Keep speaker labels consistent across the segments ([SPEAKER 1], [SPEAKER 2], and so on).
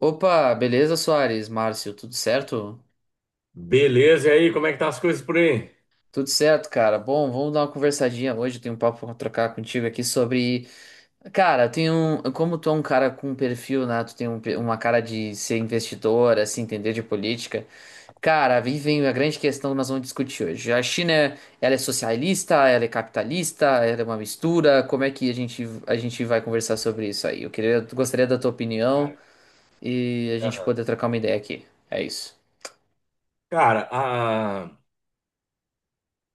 [SPEAKER 1] Opa, beleza, Soares? Márcio, tudo certo?
[SPEAKER 2] Beleza, e aí, como é que tá as coisas por aí?
[SPEAKER 1] Tudo certo, cara. Bom, vamos dar uma conversadinha hoje. Eu tenho um papo pra trocar contigo aqui sobre. Cara, tem um. Como tu é um cara com perfil, né? Tu tem um uma cara de ser investidor, assim, entender de política. Cara, aí vem a grande questão que nós vamos discutir hoje. A China, ela é socialista, ela é capitalista, ela é uma mistura. Como é que a gente vai conversar sobre isso aí? Eu queria, gostaria da tua
[SPEAKER 2] Cara,
[SPEAKER 1] opinião e a gente
[SPEAKER 2] aham.
[SPEAKER 1] poder trocar uma ideia aqui. É isso.
[SPEAKER 2] Cara, a,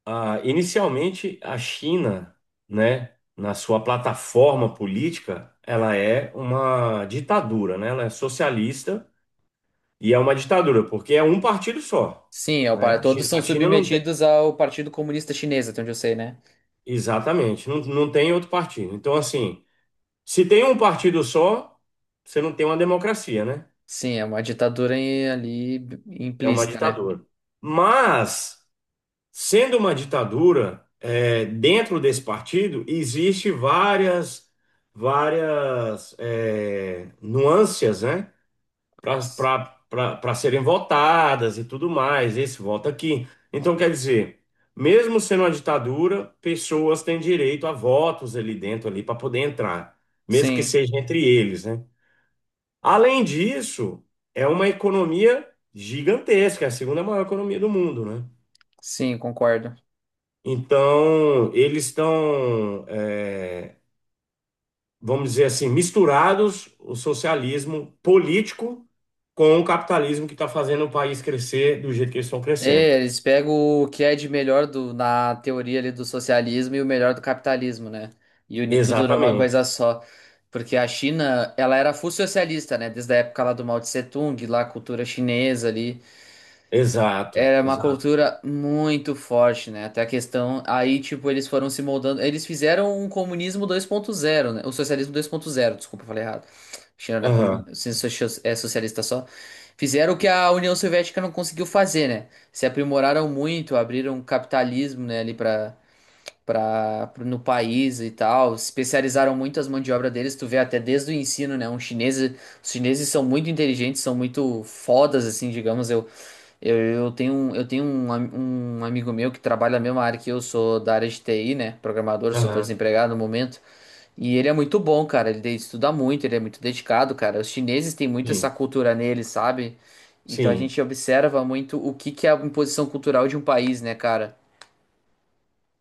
[SPEAKER 2] a- inicialmente a China, né, na sua plataforma política, ela é uma ditadura, né? Ela é socialista e é uma ditadura, porque é um partido só,
[SPEAKER 1] Sim, é o
[SPEAKER 2] né? A
[SPEAKER 1] todos
[SPEAKER 2] China,
[SPEAKER 1] são
[SPEAKER 2] a China não tem,
[SPEAKER 1] submetidos ao Partido Comunista Chinês, até onde eu sei, né?
[SPEAKER 2] exatamente, não tem outro partido. Então, assim, se tem um partido só, você não tem uma democracia, né?
[SPEAKER 1] Sim, é uma ditadura ali
[SPEAKER 2] É uma
[SPEAKER 1] implícita, né?
[SPEAKER 2] ditadura. Mas, sendo uma ditadura, dentro desse partido existe várias, nuances, né?
[SPEAKER 1] S-
[SPEAKER 2] Para serem votadas e tudo mais. Esse voto aqui. Então, quer dizer, mesmo sendo uma ditadura, pessoas têm direito a votos ali dentro ali para poder entrar, mesmo que
[SPEAKER 1] Sim,
[SPEAKER 2] seja entre eles, né? Além disso, é uma economia gigantesca, é a segunda maior economia do mundo, né?
[SPEAKER 1] sim, concordo.
[SPEAKER 2] Então, eles estão, vamos dizer assim, misturados o socialismo político com o capitalismo que está fazendo o país crescer do jeito que eles estão crescendo.
[SPEAKER 1] É, eles pegam o que é de melhor do, na teoria ali do socialismo e o melhor do capitalismo, né? E une tudo numa coisa
[SPEAKER 2] Exatamente.
[SPEAKER 1] só. Porque a China, ela era full socialista, né? Desde a época lá do Mao Tse Tung, lá a cultura chinesa ali.
[SPEAKER 2] Exato,
[SPEAKER 1] Era uma
[SPEAKER 2] exato.
[SPEAKER 1] cultura muito forte, né? Até a questão. Aí, tipo, eles foram se moldando. Eles fizeram um comunismo 2.0, né? O socialismo 2.0, desculpa, eu falei errado. China não é
[SPEAKER 2] Aham,
[SPEAKER 1] comunista, é socialista só. Fizeram o que a União Soviética não conseguiu fazer, né? Se aprimoraram muito, abriram capitalismo, né, ali no país e tal. Especializaram muito as mãos de obra deles. Tu vê até desde o ensino, né? Um chinês, os chineses são muito inteligentes, são muito fodas, assim, digamos. Eu tenho, eu tenho um amigo meu que trabalha na mesma área que eu, sou da área de TI, né? Programador, só tô
[SPEAKER 2] aham,
[SPEAKER 1] desempregado no momento. E ele é muito bom, cara. Estuda muito, ele é muito dedicado, cara. Os chineses têm muito essa
[SPEAKER 2] sim,
[SPEAKER 1] cultura neles, sabe? Então a
[SPEAKER 2] sim.
[SPEAKER 1] gente observa muito o que que é a imposição cultural de um país, né, cara?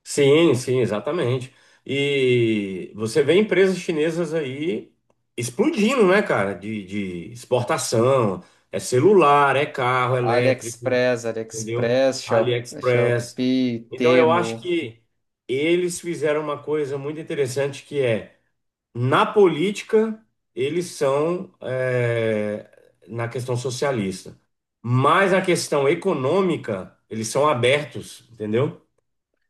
[SPEAKER 2] Sim, sim, exatamente. E você vê empresas chinesas aí explodindo, né, cara? De exportação, é celular, é carro elétrico,
[SPEAKER 1] AliExpress,
[SPEAKER 2] entendeu?
[SPEAKER 1] AliExpress, Shop,
[SPEAKER 2] AliExpress.
[SPEAKER 1] Shopee,
[SPEAKER 2] Então eu acho
[SPEAKER 1] Temu.
[SPEAKER 2] que eles fizeram uma coisa muito interessante que é, na política, na questão socialista, mas na questão econômica, eles são abertos, entendeu?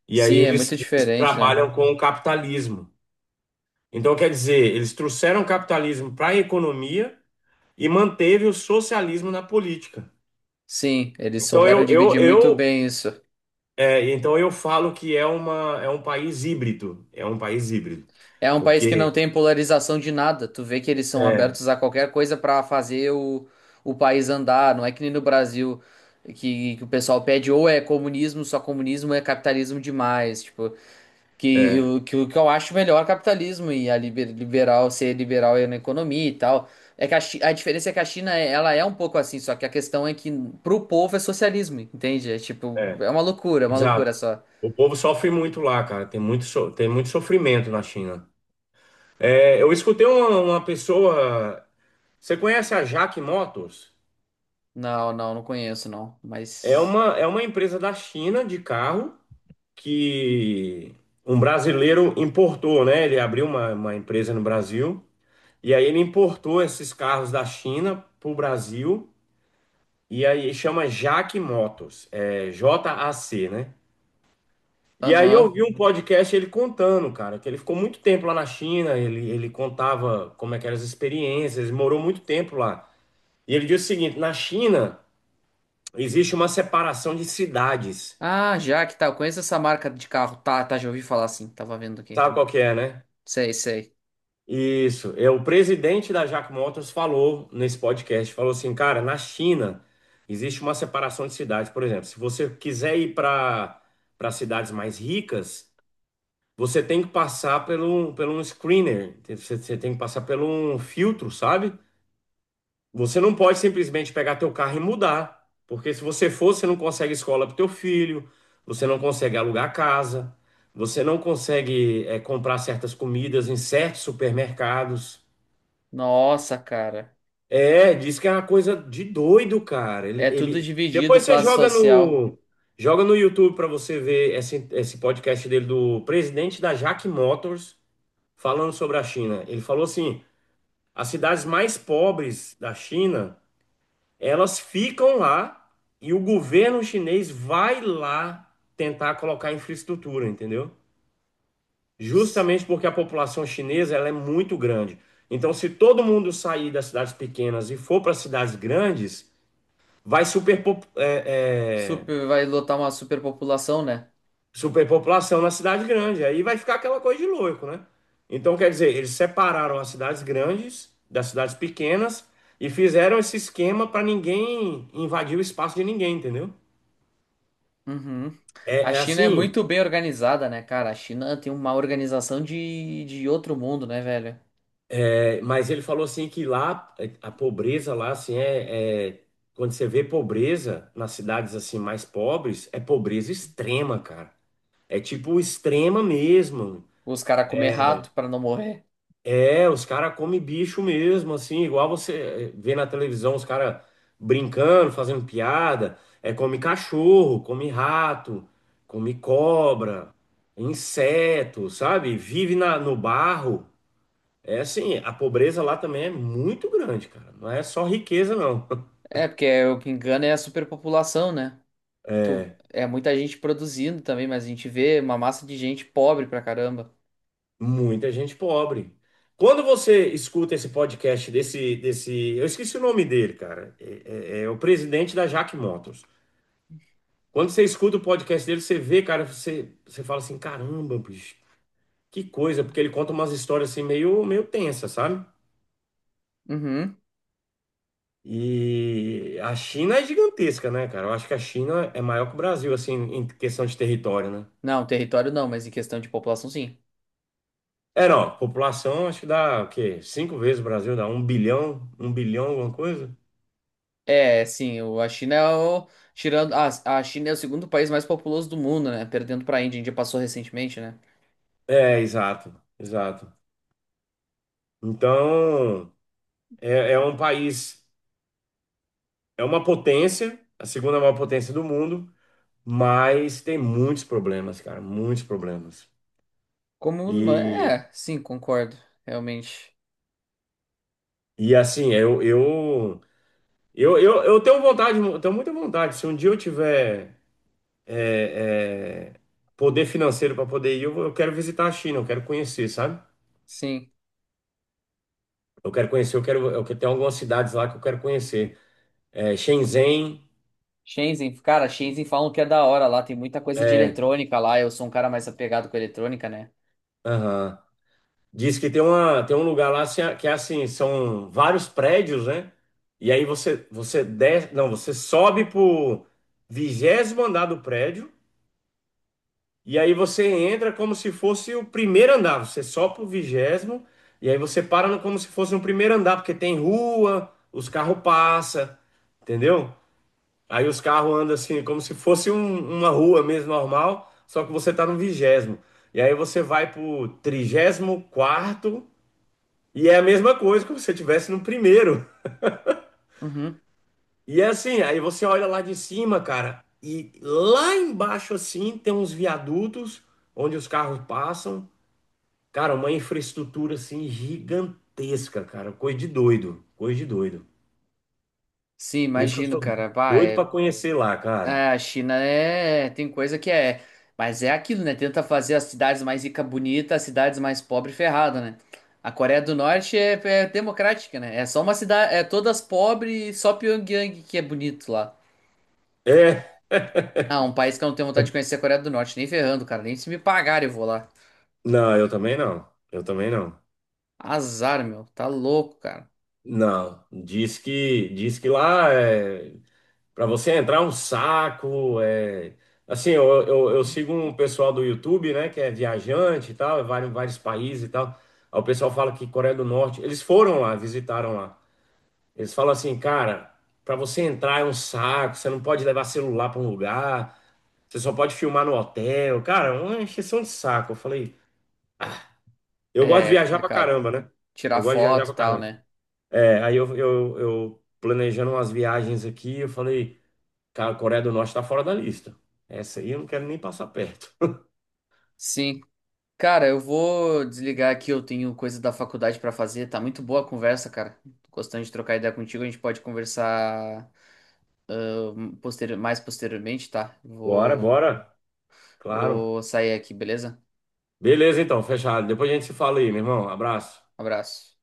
[SPEAKER 2] E aí
[SPEAKER 1] Sim, é
[SPEAKER 2] eles,
[SPEAKER 1] muito
[SPEAKER 2] eles
[SPEAKER 1] diferente, né?
[SPEAKER 2] trabalham com o capitalismo. Então, quer dizer, eles trouxeram o capitalismo para a economia e manteve o socialismo na política.
[SPEAKER 1] Sim, eles
[SPEAKER 2] Então
[SPEAKER 1] souberam
[SPEAKER 2] eu,
[SPEAKER 1] dividir
[SPEAKER 2] eu,
[SPEAKER 1] muito
[SPEAKER 2] eu,
[SPEAKER 1] bem isso.
[SPEAKER 2] então eu falo que é uma, é um país híbrido, é um país híbrido,
[SPEAKER 1] É um país que não
[SPEAKER 2] porque
[SPEAKER 1] tem polarização de nada. Tu vê que eles são
[SPEAKER 2] é,
[SPEAKER 1] abertos a qualquer coisa pra fazer o país andar. Não é que nem no Brasil que o pessoal pede ou é comunismo, só comunismo é capitalismo demais. Tipo,
[SPEAKER 2] é,
[SPEAKER 1] o que eu acho melhor é capitalismo e a liberal ser liberal é na economia e tal. É que a diferença é que a ela é um pouco assim, só que a questão é que pro povo é socialismo, entende? É tipo,
[SPEAKER 2] é,
[SPEAKER 1] é uma loucura
[SPEAKER 2] exato.
[SPEAKER 1] só.
[SPEAKER 2] O povo sofre muito lá, cara. Tem muito sofrimento na China. É, eu escutei uma pessoa. Você conhece a Jack Motors?
[SPEAKER 1] Não, não, não conheço não,
[SPEAKER 2] É
[SPEAKER 1] mas
[SPEAKER 2] uma, é uma empresa da China de carro que um brasileiro importou, né? Ele abriu uma empresa no Brasil e aí ele importou esses carros da China para o Brasil e aí chama Jaque Motos, é JAC, né? E aí eu
[SPEAKER 1] aham.
[SPEAKER 2] vi um podcast ele contando, cara, que ele ficou muito tempo lá na China, ele contava como é que eram as experiências, ele morou muito tempo lá. E ele disse o seguinte, na China existe uma separação de cidades,
[SPEAKER 1] Ah, já que tá. Eu conheço essa marca de carro. Tá, tá, já ouvi falar assim. Tava vendo aqui.
[SPEAKER 2] sabe qual que é, né?
[SPEAKER 1] Sei, sei.
[SPEAKER 2] Isso, é o presidente da Jack Motors falou nesse podcast, falou assim, cara, na China existe uma separação de cidades, por exemplo, se você quiser ir para cidades mais ricas, você tem que passar pelo um screener, você tem que passar pelo um filtro, sabe? Você não pode simplesmente pegar teu carro e mudar, porque se você for, você não consegue escola para teu filho, você não consegue alugar casa, você não consegue comprar certas comidas em certos supermercados.
[SPEAKER 1] Nossa, cara.
[SPEAKER 2] É, diz que é uma coisa de doido, cara.
[SPEAKER 1] É tudo dividido,
[SPEAKER 2] Depois você
[SPEAKER 1] classe social.
[SPEAKER 2] joga no YouTube para você ver esse podcast dele do presidente da Jack Motors falando sobre a China. Ele falou assim: as cidades mais pobres da China, elas ficam lá e o governo chinês vai lá tentar colocar infraestrutura, entendeu?
[SPEAKER 1] S-
[SPEAKER 2] Justamente porque a população chinesa ela é muito grande. Então, se todo mundo sair das cidades pequenas e for para cidades grandes vai
[SPEAKER 1] Super, vai lotar uma superpopulação, né?
[SPEAKER 2] superpopulação na cidade grande. Aí vai ficar aquela coisa de louco, né? Então, quer dizer, eles separaram as cidades grandes das cidades pequenas e fizeram esse esquema para ninguém invadir o espaço de ninguém, entendeu?
[SPEAKER 1] Uhum. A
[SPEAKER 2] É, é
[SPEAKER 1] China é
[SPEAKER 2] assim,
[SPEAKER 1] muito bem organizada, né, cara? A China tem uma organização de outro mundo, né, velho?
[SPEAKER 2] mas ele falou assim que lá, a pobreza lá, assim, quando você vê pobreza nas cidades assim mais pobres, é pobreza extrema, cara. É tipo extrema mesmo.
[SPEAKER 1] Os caras comem rato pra não morrer.
[SPEAKER 2] É, os caras comem bicho mesmo, assim, igual você vê na televisão os caras brincando, fazendo piada. É, come cachorro, come rato, come cobra, inseto, sabe? Vive na, no barro. É assim, a pobreza lá também é muito grande, cara. Não é só riqueza, não.
[SPEAKER 1] É, o que engana é a superpopulação, né? É muita gente produzindo também, mas a gente vê uma massa de gente pobre pra caramba.
[SPEAKER 2] Muita gente pobre. Quando você escuta esse podcast desse, eu esqueci o nome dele, cara. É o presidente da Jack Motors. Quando você escuta o podcast dele, você vê, cara, você fala assim, caramba, bicho, que coisa, porque ele conta umas histórias assim meio, meio tensas, sabe?
[SPEAKER 1] Uhum.
[SPEAKER 2] E a China é gigantesca, né, cara? Eu acho que a China é maior que o Brasil, assim, em questão de território, né?
[SPEAKER 1] Não, território não, mas em questão de população, sim.
[SPEAKER 2] É, não, a população acho que dá o quê? Cinco vezes o Brasil, dá um bilhão, alguma coisa?
[SPEAKER 1] É, sim, a China é o. Tirando, a China é o segundo país mais populoso do mundo, né? Perdendo pra Índia. A Índia passou recentemente, né?
[SPEAKER 2] É, exato, exato. Então, é um país, é uma potência, a segunda maior potência do mundo, mas tem muitos problemas, cara, muitos problemas.
[SPEAKER 1] Como. Muçulmano-
[SPEAKER 2] E,
[SPEAKER 1] É, sim, concordo. Realmente.
[SPEAKER 2] e assim, eu tenho vontade, eu tenho muita vontade. Se um dia eu tiver é, é, poder financeiro para poder ir, eu quero visitar a China, eu quero conhecer, sabe?
[SPEAKER 1] Sim.
[SPEAKER 2] Eu quero conhecer, tem algumas cidades lá que eu quero conhecer. É, Shenzhen,
[SPEAKER 1] Shenzhen, cara, Shenzhen falam que é da hora lá. Tem muita coisa de
[SPEAKER 2] é,
[SPEAKER 1] eletrônica lá. Eu sou um cara mais apegado com eletrônica, né?
[SPEAKER 2] aham. Diz que tem uma, tem um lugar lá assim, que é assim, são vários prédios, né? E aí você desce, não, você sobe pro 20º andar do prédio e aí você entra como se fosse o primeiro andar. Você sobe pro vigésimo e aí você para no- como se fosse um primeiro andar, porque tem rua, os carros passam, entendeu? Aí os carros andam assim, como se fosse uma rua mesmo normal, só que você tá no 20º. E aí você vai pro 34º e é a mesma coisa que você tivesse no primeiro.
[SPEAKER 1] Uhum.
[SPEAKER 2] E é assim, aí você olha lá de cima, cara, e lá embaixo assim tem uns viadutos onde os carros passam. Cara, uma infraestrutura assim gigantesca, cara, coisa de doido, coisa de doido.
[SPEAKER 1] Sim,
[SPEAKER 2] Por isso que eu
[SPEAKER 1] imagino,
[SPEAKER 2] sou
[SPEAKER 1] cara. Bah,
[SPEAKER 2] doido pra
[SPEAKER 1] é.
[SPEAKER 2] conhecer lá,
[SPEAKER 1] É,
[SPEAKER 2] cara.
[SPEAKER 1] a China é, tem coisa que é, mas é aquilo, né? Tenta fazer as cidades mais ricas bonitas, as cidades mais pobres ferrada né? A Coreia do Norte é, é democrática, né? É só uma cidade, é todas pobres, só Pyongyang que é bonito lá.
[SPEAKER 2] É,
[SPEAKER 1] Ah, um país que eu não tenho vontade de conhecer é a Coreia do Norte, nem ferrando, cara, nem se me pagar eu vou lá.
[SPEAKER 2] não, eu também não. Eu também não.
[SPEAKER 1] Azar, meu, tá louco, cara.
[SPEAKER 2] Não, diz que lá é. Para você entrar é um saco, assim, eu sigo um pessoal do YouTube, né, que é viajante e tal, é vários, vários países e tal. Aí o pessoal fala que Coreia do Norte, eles foram lá, visitaram lá. Eles falam assim, cara, para você entrar é um saco, você não pode levar celular para um lugar, você só pode filmar no hotel. Cara, é uma encheção de saco. Eu falei, eu gosto
[SPEAKER 1] É,
[SPEAKER 2] de
[SPEAKER 1] é
[SPEAKER 2] viajar pra
[SPEAKER 1] complicado.
[SPEAKER 2] caramba, né?
[SPEAKER 1] Tirar
[SPEAKER 2] Eu gosto de viajar
[SPEAKER 1] foto e
[SPEAKER 2] pra
[SPEAKER 1] tal,
[SPEAKER 2] caramba.
[SPEAKER 1] né?
[SPEAKER 2] É, aí eu planejando umas viagens aqui, eu falei. Cara, a Coreia do Norte está fora da lista. Essa aí eu não quero nem passar perto.
[SPEAKER 1] Sim, cara, eu vou desligar aqui, eu tenho coisa da faculdade pra fazer. Tá muito boa a conversa, cara. Tô gostando de trocar ideia contigo, a gente pode conversar mais posteriormente, tá?
[SPEAKER 2] Bora, bora. Claro.
[SPEAKER 1] Vou sair aqui, beleza?
[SPEAKER 2] Beleza, então, fechado. Depois a gente se fala aí, meu irmão. Abraço.
[SPEAKER 1] Abraço.